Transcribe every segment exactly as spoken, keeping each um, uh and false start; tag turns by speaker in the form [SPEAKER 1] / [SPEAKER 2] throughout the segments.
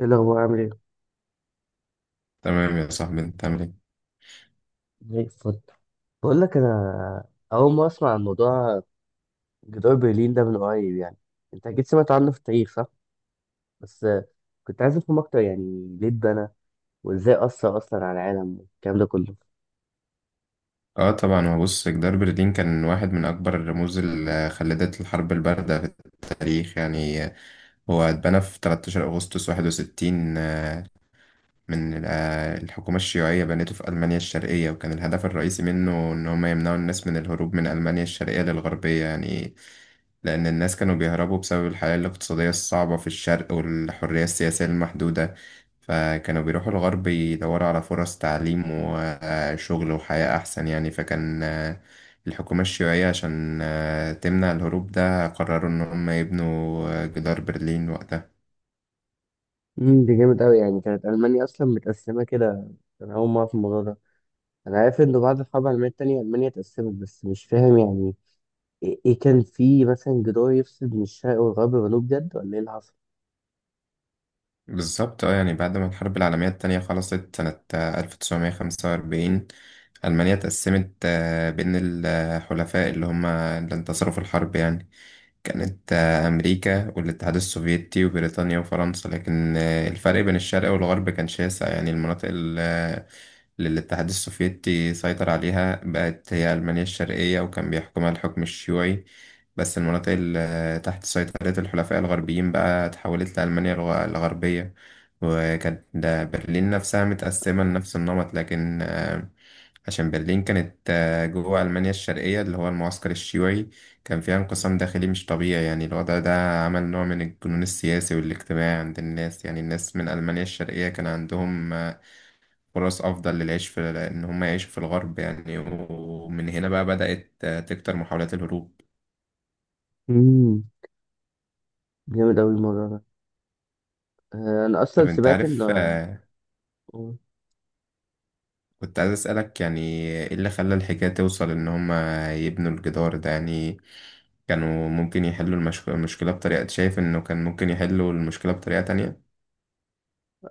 [SPEAKER 1] ايه الاخبار، عامل ايه؟
[SPEAKER 2] تمام يا صاحبي، انت عامل ايه؟
[SPEAKER 1] زي الفل. بقول لك، انا اول ما اسمع عن موضوع جدار برلين ده من قريب يعني، انت اكيد سمعت عنه في التاريخ، صح؟ بس آه، كنت عايز افهم اكتر، يعني ليه اتبنى وازاي اثر اصلا على العالم والكلام ده كله.
[SPEAKER 2] اه طبعا، هو بص، جدار برلين كان واحد من اكبر الرموز اللي خلدت الحرب البارده في التاريخ يعني. هو اتبنى في ثلاثة عشر اغسطس واحد وستين من ال- آه، الحكومة الشيوعية، بنته في ألمانيا الشرقية، وكان الهدف الرئيسي منه إن هم يمنعوا الناس من الهروب من ألمانيا الشرقية للغربية يعني. لأن الناس كانوا بيهربوا بسبب الحياة الاقتصادية الصعبة في الشرق والحرية السياسية المحدودة، فكانوا بيروحوا الغرب يدوروا على فرص تعليم وشغل وحياة أحسن يعني. فكان آه، الحكومة الشيوعية عشان آه، تمنع الهروب ده، قرروا إن هم يبنوا آه، جدار برلين وقتها.
[SPEAKER 1] امم ده جامد قوي، يعني كانت المانيا اصلا متقسمه كده. انا اول ما اعرف الموضوع ده، انا عارف انه بعد الحرب العالميه التانية المانيا اتقسمت، بس مش فاهم يعني ايه إيه كان في مثلا جدار يفصل بين الشرق والغرب والجنوب بجد، ولا ايه اللي حصل؟
[SPEAKER 2] بالظبط اه، يعني بعد ما الحرب العالمية التانية خلصت سنة آه، ألف تسعمية خمسة وأربعين، ألمانيا اتقسمت آه، بين الحلفاء اللي هما اللي انتصروا في الحرب يعني. كانت آه، أمريكا والاتحاد السوفيتي وبريطانيا وفرنسا، لكن آه، الفرق بين الشرق والغرب كان شاسع يعني. المناطق ال- آه، للاتحاد السوفيتي سيطر عليها بقت هي ألمانيا الشرقية وكان بيحكمها الحكم الشيوعي، بس المناطق اللي تحت سيطرة الحلفاء الغربيين بقى اتحولت لألمانيا الغ- الغربية. وكانت ده برلين نفسها متقسمة لنفس النمط، لكن آه، عشان برلين كانت آه، جوه ألمانيا الشرقية اللي هو المعسكر الشيوعي، كان فيها انقسام داخلي مش طبيعي يعني. الوضع ده عمل نوع من الجنون السياسي والاجتماعي عند الناس يعني. الناس من ألمانيا الشرقية كان عندهم فرص أفضل للعيش في إن هم يعيشوا في الغرب يعني، ومن هنا بقى بدأت آه، تكتر محاولات الهروب.
[SPEAKER 1] امم جامد قوي الموضوع ده. آه، انا اصلا
[SPEAKER 2] طب أنت
[SPEAKER 1] سمعت ان.
[SPEAKER 2] عارف، آه،
[SPEAKER 1] مم.
[SPEAKER 2] كنت عايز أسألك يعني إيه اللي خلى الحكاية توصل إن هم يبنوا الجدار ده يعني؟ كانوا ممكن يحلوا المشك- المشكلة بطريقة، شايف إنه كان ممكن يحلوا المشكلة بطريقة تانية؟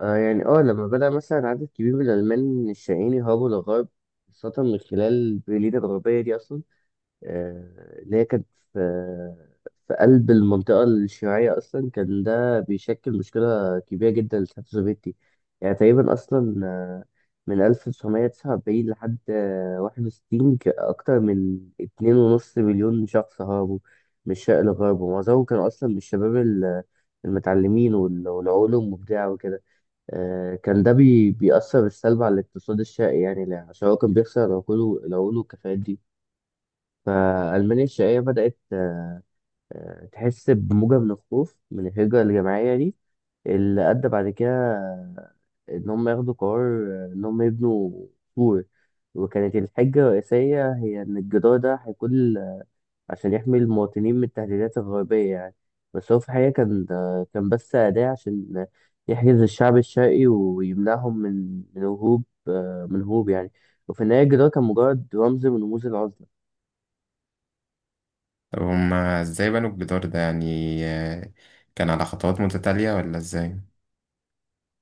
[SPEAKER 1] آه يعني اه لما بدأ مثلا عدد كبير من الألمان الشقيين يهربوا للغرب، خاصة من خلال برلين الغربية دي أصلا، آه اللي هي كانت في في قلب المنطقة الشيوعية أصلا، كان ده بيشكل مشكلة كبيرة جدا للاتحاد السوفيتي. يعني تقريبا أصلا آه، من ألف تسعمئة وتسعة وأربعين لحد آه، واحد وستين، ك- أكتر من اتنين ونص مليون شخص هربوا من الشرق للغرب، ومعظمهم كانوا أصلا من الشباب ال- المتعلمين وال- والعلوم مبدعة وكده. آه، كان ده بي بيأثر بالسلب على الاقتصاد الشائع يعني، لا- عشان هو كان بيخسر العقول العقول والكفاءات دي. فألمانيا الشقيقة بدأت آه، آه، تحس بموجة من الخوف من الهجرة الجماعية دي، اللي أدى بعد كده آه، إن هم ياخدوا قرار، آه، إن هم يبنوا سور. وكانت الحجة الرئيسية هي إن الجدار ده هيكون عشان يحمي المواطنين من التهديدات الغربية يعني، بس هو في الحقيقة كان كان بس أداة عشان يحجز الشعب الشرقي ويمنعهم من من هروب من هروب يعني. وفي النهاية الجدار كان مجرد رمز من رموز العزلة.
[SPEAKER 2] طب هم إزاي بنوا الجدار ده يعني؟ آه، كان على خطوات متتالية ولا إزاي؟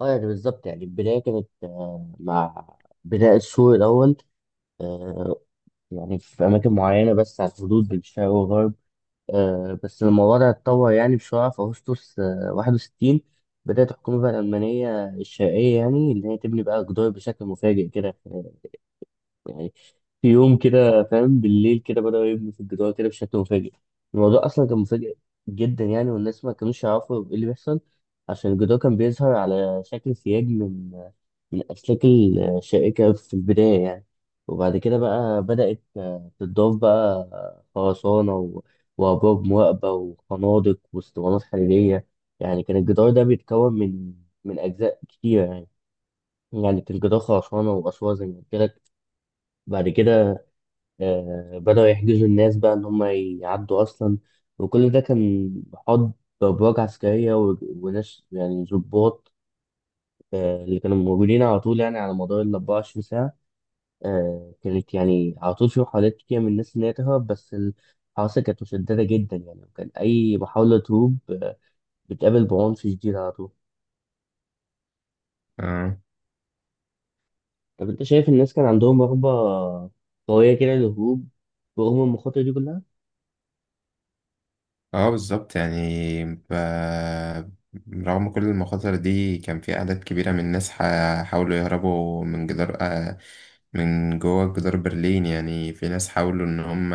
[SPEAKER 1] اه يعني بالظبط، يعني البداية كانت آه، مع بناء السور الأول، آه، يعني في أماكن معينة بس على الحدود بين الشرق والغرب. آه، بس الموضوع ده اتطور يعني بسرعة في أغسطس آه، واحد وستين. بدأت الحكومة بقى الألمانية الشرقية، يعني اللي هي تبني بقى جدار بشكل مفاجئ كده. آه، يعني في يوم كده فاهم، بالليل كده بدأوا يبنوا في الجدار كده بشكل مفاجئ. الموضوع أصلا كان مفاجئ جدا يعني، والناس ما كانوش يعرفوا إيه اللي بيحصل. عشان الجدار كان بيظهر على شكل سياج من الأسلاك الشائكة في البداية يعني، وبعد كده بقى بدأت آه، تضاف بقى آه، خرسانة و- وأبراج مواقبة وخنادق واسطوانات حديدية. يعني كان الجدار ده بيتكون من من أجزاء كتيرة يعني، يعني كان جدار خرسانة وأسوار زي ما قلت لك. بعد كده آه، بدأوا يحجزوا الناس بقى إن هم يعدوا أصلا، وكل ده كان محاط بأبراج عسكرية و- وناس يعني ضباط، آه، اللي كانوا موجودين على طول، يعني على مدار ال أربعة وعشرين ساعة. آه، كانت يعني على طول في محاولات كتير من الناس إن هي تهرب، بس الحراسة كانت مشددة جدا يعني، وكان أي محاولة تهرب آه، بتقابل بعنف شديد على طول. طب أنت شايف الناس كان عندهم رغبة قوية كده للهروب رغم المخاطر دي كلها؟
[SPEAKER 2] اه بالظبط، يعني ب... رغم كل المخاطر دي كان في أعداد كبيرة من الناس ح- حاولوا يهربوا من جدار، آه، من جوه جدار برلين يعني. في ناس حاولوا إن هم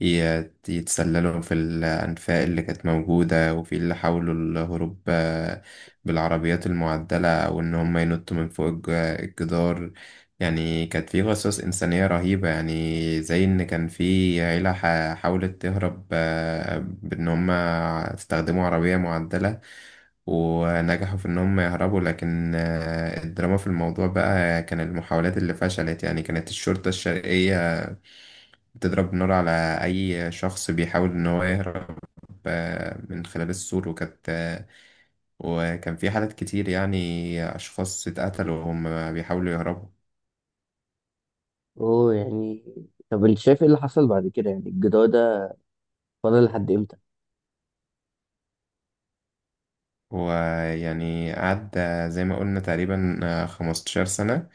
[SPEAKER 2] يت- يتسللوا في الأنفاق اللي كانت موجودة، وفي اللي حاولوا الهروب آه، بالعربيات المعدلة، أو إن هم ينطوا من فوق الج- الجدار يعني. كانت في قصص إنسانية رهيبة يعني، زي إن كان في عيلة ح- حاولت تهرب آه، بإن هم استخدموا عربية معدلة ونجحوا في إن هم يهربوا. لكن آه، الدراما في الموضوع بقى كان المحاولات اللي فشلت يعني. كانت الشرطة الشرقية بتضرب نار على أي شخص بيحاول إن هو يهرب آه، من خلال السور، وكانت آه، وكان في حالات كتير يعني أشخاص اتقتلوا وهم بيحاولوا يهربوا.
[SPEAKER 1] أوه، يعني طب أنت شايف إيه اللي حصل بعد كده، يعني الجدار ده فضل لحد إمتى؟
[SPEAKER 2] ويعني قعد زي ما قلنا تقريبا 15 سنة،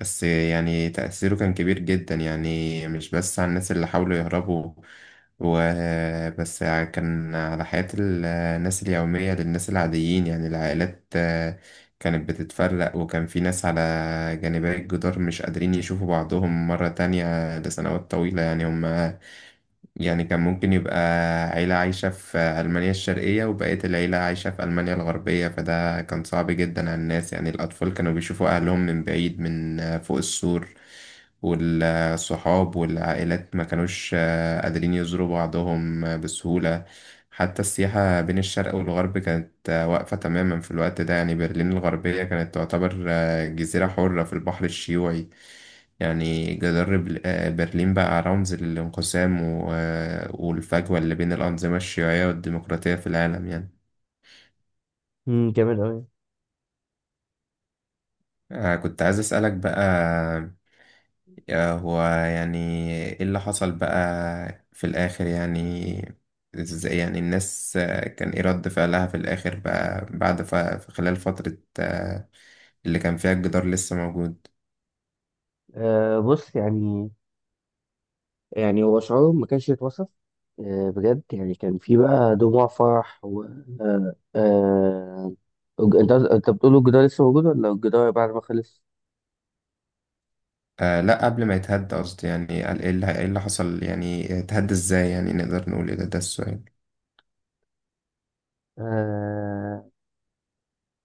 [SPEAKER 2] بس يعني تأثيره كان كبير جدا يعني. مش بس على الناس اللي حاولوا يهربوا وبس، كان على حياة الناس اليومية للناس العاديين يعني. العائلات آه، كانت بتتفرق، وكان في ناس على جانبي الجدار مش قادرين يشوفوا بعضهم مرة تانية لسنوات طويلة يعني. هم يعني كان ممكن يبقى عيلة عايشة في ألمانيا الشرقية وبقية العيلة عايشة في ألمانيا الغربية، فده كان صعب جدا على الناس يعني. الأطفال كانوا بيشوفوا أهلهم من بعيد من فوق السور، والصحاب والعائلات ما كانوش آه، قادرين يزوروا بعضهم آه، بسهولة. حتى السياحة بين الشرق والغرب كانت آه، واقفة تماما في الوقت ده يعني. برلين الغربية كانت تعتبر جزيرة حرة في البحر الشيوعي يعني. جدار بل- آه، برلين بقى رمز للانقسام و- آه، والفجوة اللي بين الأنظمة الشيوعية والديمقراطية في العالم يعني.
[SPEAKER 1] امم جامد أوي.
[SPEAKER 2] آه، كنت عايز أسألك بقى، آه، هو يعني إيه اللي حصل بقى في الآخر يعني؟ إزاي يعني الناس، آه، كان إيه رد فعلها في الآخر بقى بعد ف- خلال فترة آه، اللي كان فيها الجدار لسه موجود؟
[SPEAKER 1] أه، بص يعني يعني هو شعور ما كانش يتوصف، آه، بجد يعني كان في بقى دموع فرح. و آه، آه، الج- انت انت بتقول الجدار لسه موجود ولا الجدار بعد ما خلص؟
[SPEAKER 2] آه لا، قبل ما يتهد قصدي، يعني قال ايه اللي ايه اللي حصل يعني، اتهد ازاي، يعني نقدر نقول ايه، ده ده السؤال.
[SPEAKER 1] آه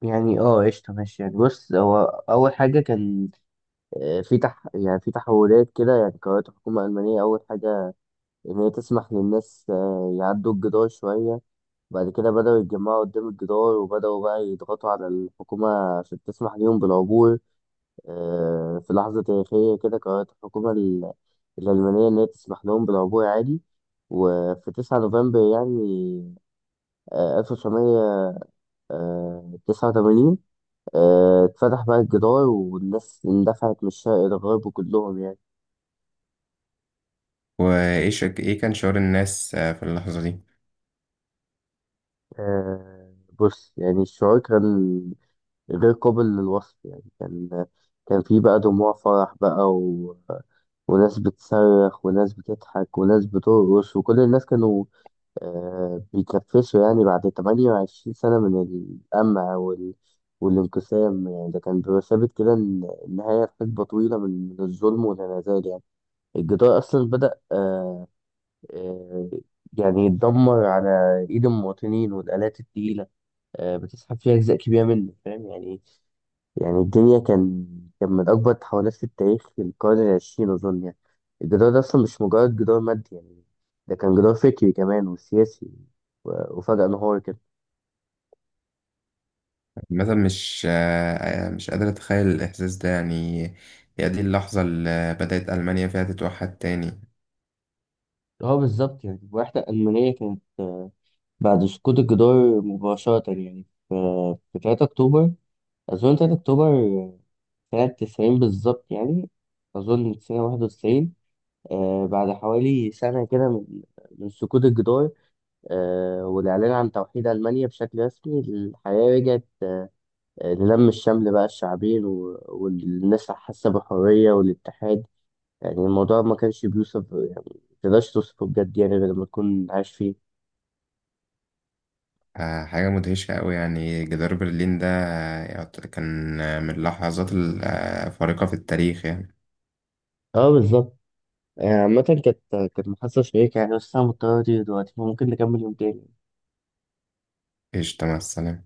[SPEAKER 1] يعني اه قشطة، ماشي يعني، بص هو أول حاجة كان، آه، في تح يعني في تحولات كده، يعني قررت الحكومة الألمانية أول حاجة إن هي تسمح للناس آه، يعدوا الجدار شوية. بعد كده بدأوا يتجمعوا قدام الجدار، وبدأوا بقى يضغطوا على الحكومة عشان تسمح ليهم بالعبور. آه، في لحظة تاريخية كده قررت الحكومة ال- الألمانية إن هي تسمح لهم بالعبور عادي، وفي تسعة نوفمبر يعني آه، ألف تسعمئة وتسعة وثمانين آه، اتفتح بقى الجدار، والناس اندفعت من الشرق للغرب كلهم يعني.
[SPEAKER 2] وايه شك... ايه كان شعور الناس آه في اللحظة دي؟
[SPEAKER 1] آه، بص يعني الشعور كان غير قابل للوصف يعني، كان كان في بقى دموع فرح بقى، و... وناس بتصرخ وناس بتضحك وناس بترقص، وكل الناس كانوا آه، بيكرفسوا يعني بعد ثمانية وعشرين سنة من القمع وال... والانقسام يعني. ده كان بيبقى ثابت كده إن النهاية في حقبة طويلة من من الظلم والانعزال يعني. الجدار أصلا بدأ آه آه يعني يتدمر على إيد المواطنين والآلات التقيلة، آه بتسحب فيها أجزاء كبيرة منه فاهم يعني. يعني الجري كان كان من أكبر التحولات في التاريخ في القرن العشرين أظن يعني. الجدار ده أصلا مش مجرد جدار مادي يعني، ده كان جدار فكري كمان وسياسي، و- وفجأة انهار كده.
[SPEAKER 2] مثلا مش آه آه، مش قادر اتخيل الاحساس ده يعني. هي دي اللحظة اللي بدأت ألمانيا فيها تتوحد تاني؟
[SPEAKER 1] اه بالظبط، يعني الوحدة الألمانية كانت آه، بعد سقوط الجدار مباشرة يعني، ف- في تلاتة أكتوبر، أظن تلاتة أكتوبر آه، سنة تسعين بالظبط يعني، أظن سنة واحد وتسعين. آه، بعد حوالي سنة كده من من سقوط الجدار، آه، والإعلان عن توحيد ألمانيا بشكل رسمي، الحياة رجعت آه، للم الشمل بقى الشعبين و- والناس حاسة بالحرية والاتحاد. يعني الموضوع ما كانش بيوصف يعني، متقدرش توصفه بجد يعني، غير لما تكون عايش فيه.
[SPEAKER 2] آه، حاجة مدهشة أوي يعني. جدار برلين ده آه، يعت- كان آه، من اللحظات الفارقة في التاريخ يعني.
[SPEAKER 1] اه بالظبط، يعني عامة كانت كانت محادثة شيقة يعني، بس أنا مضطر أطير دلوقتي، فممكن نكمل يوم تاني.
[SPEAKER 2] قشطة، مع السلامة.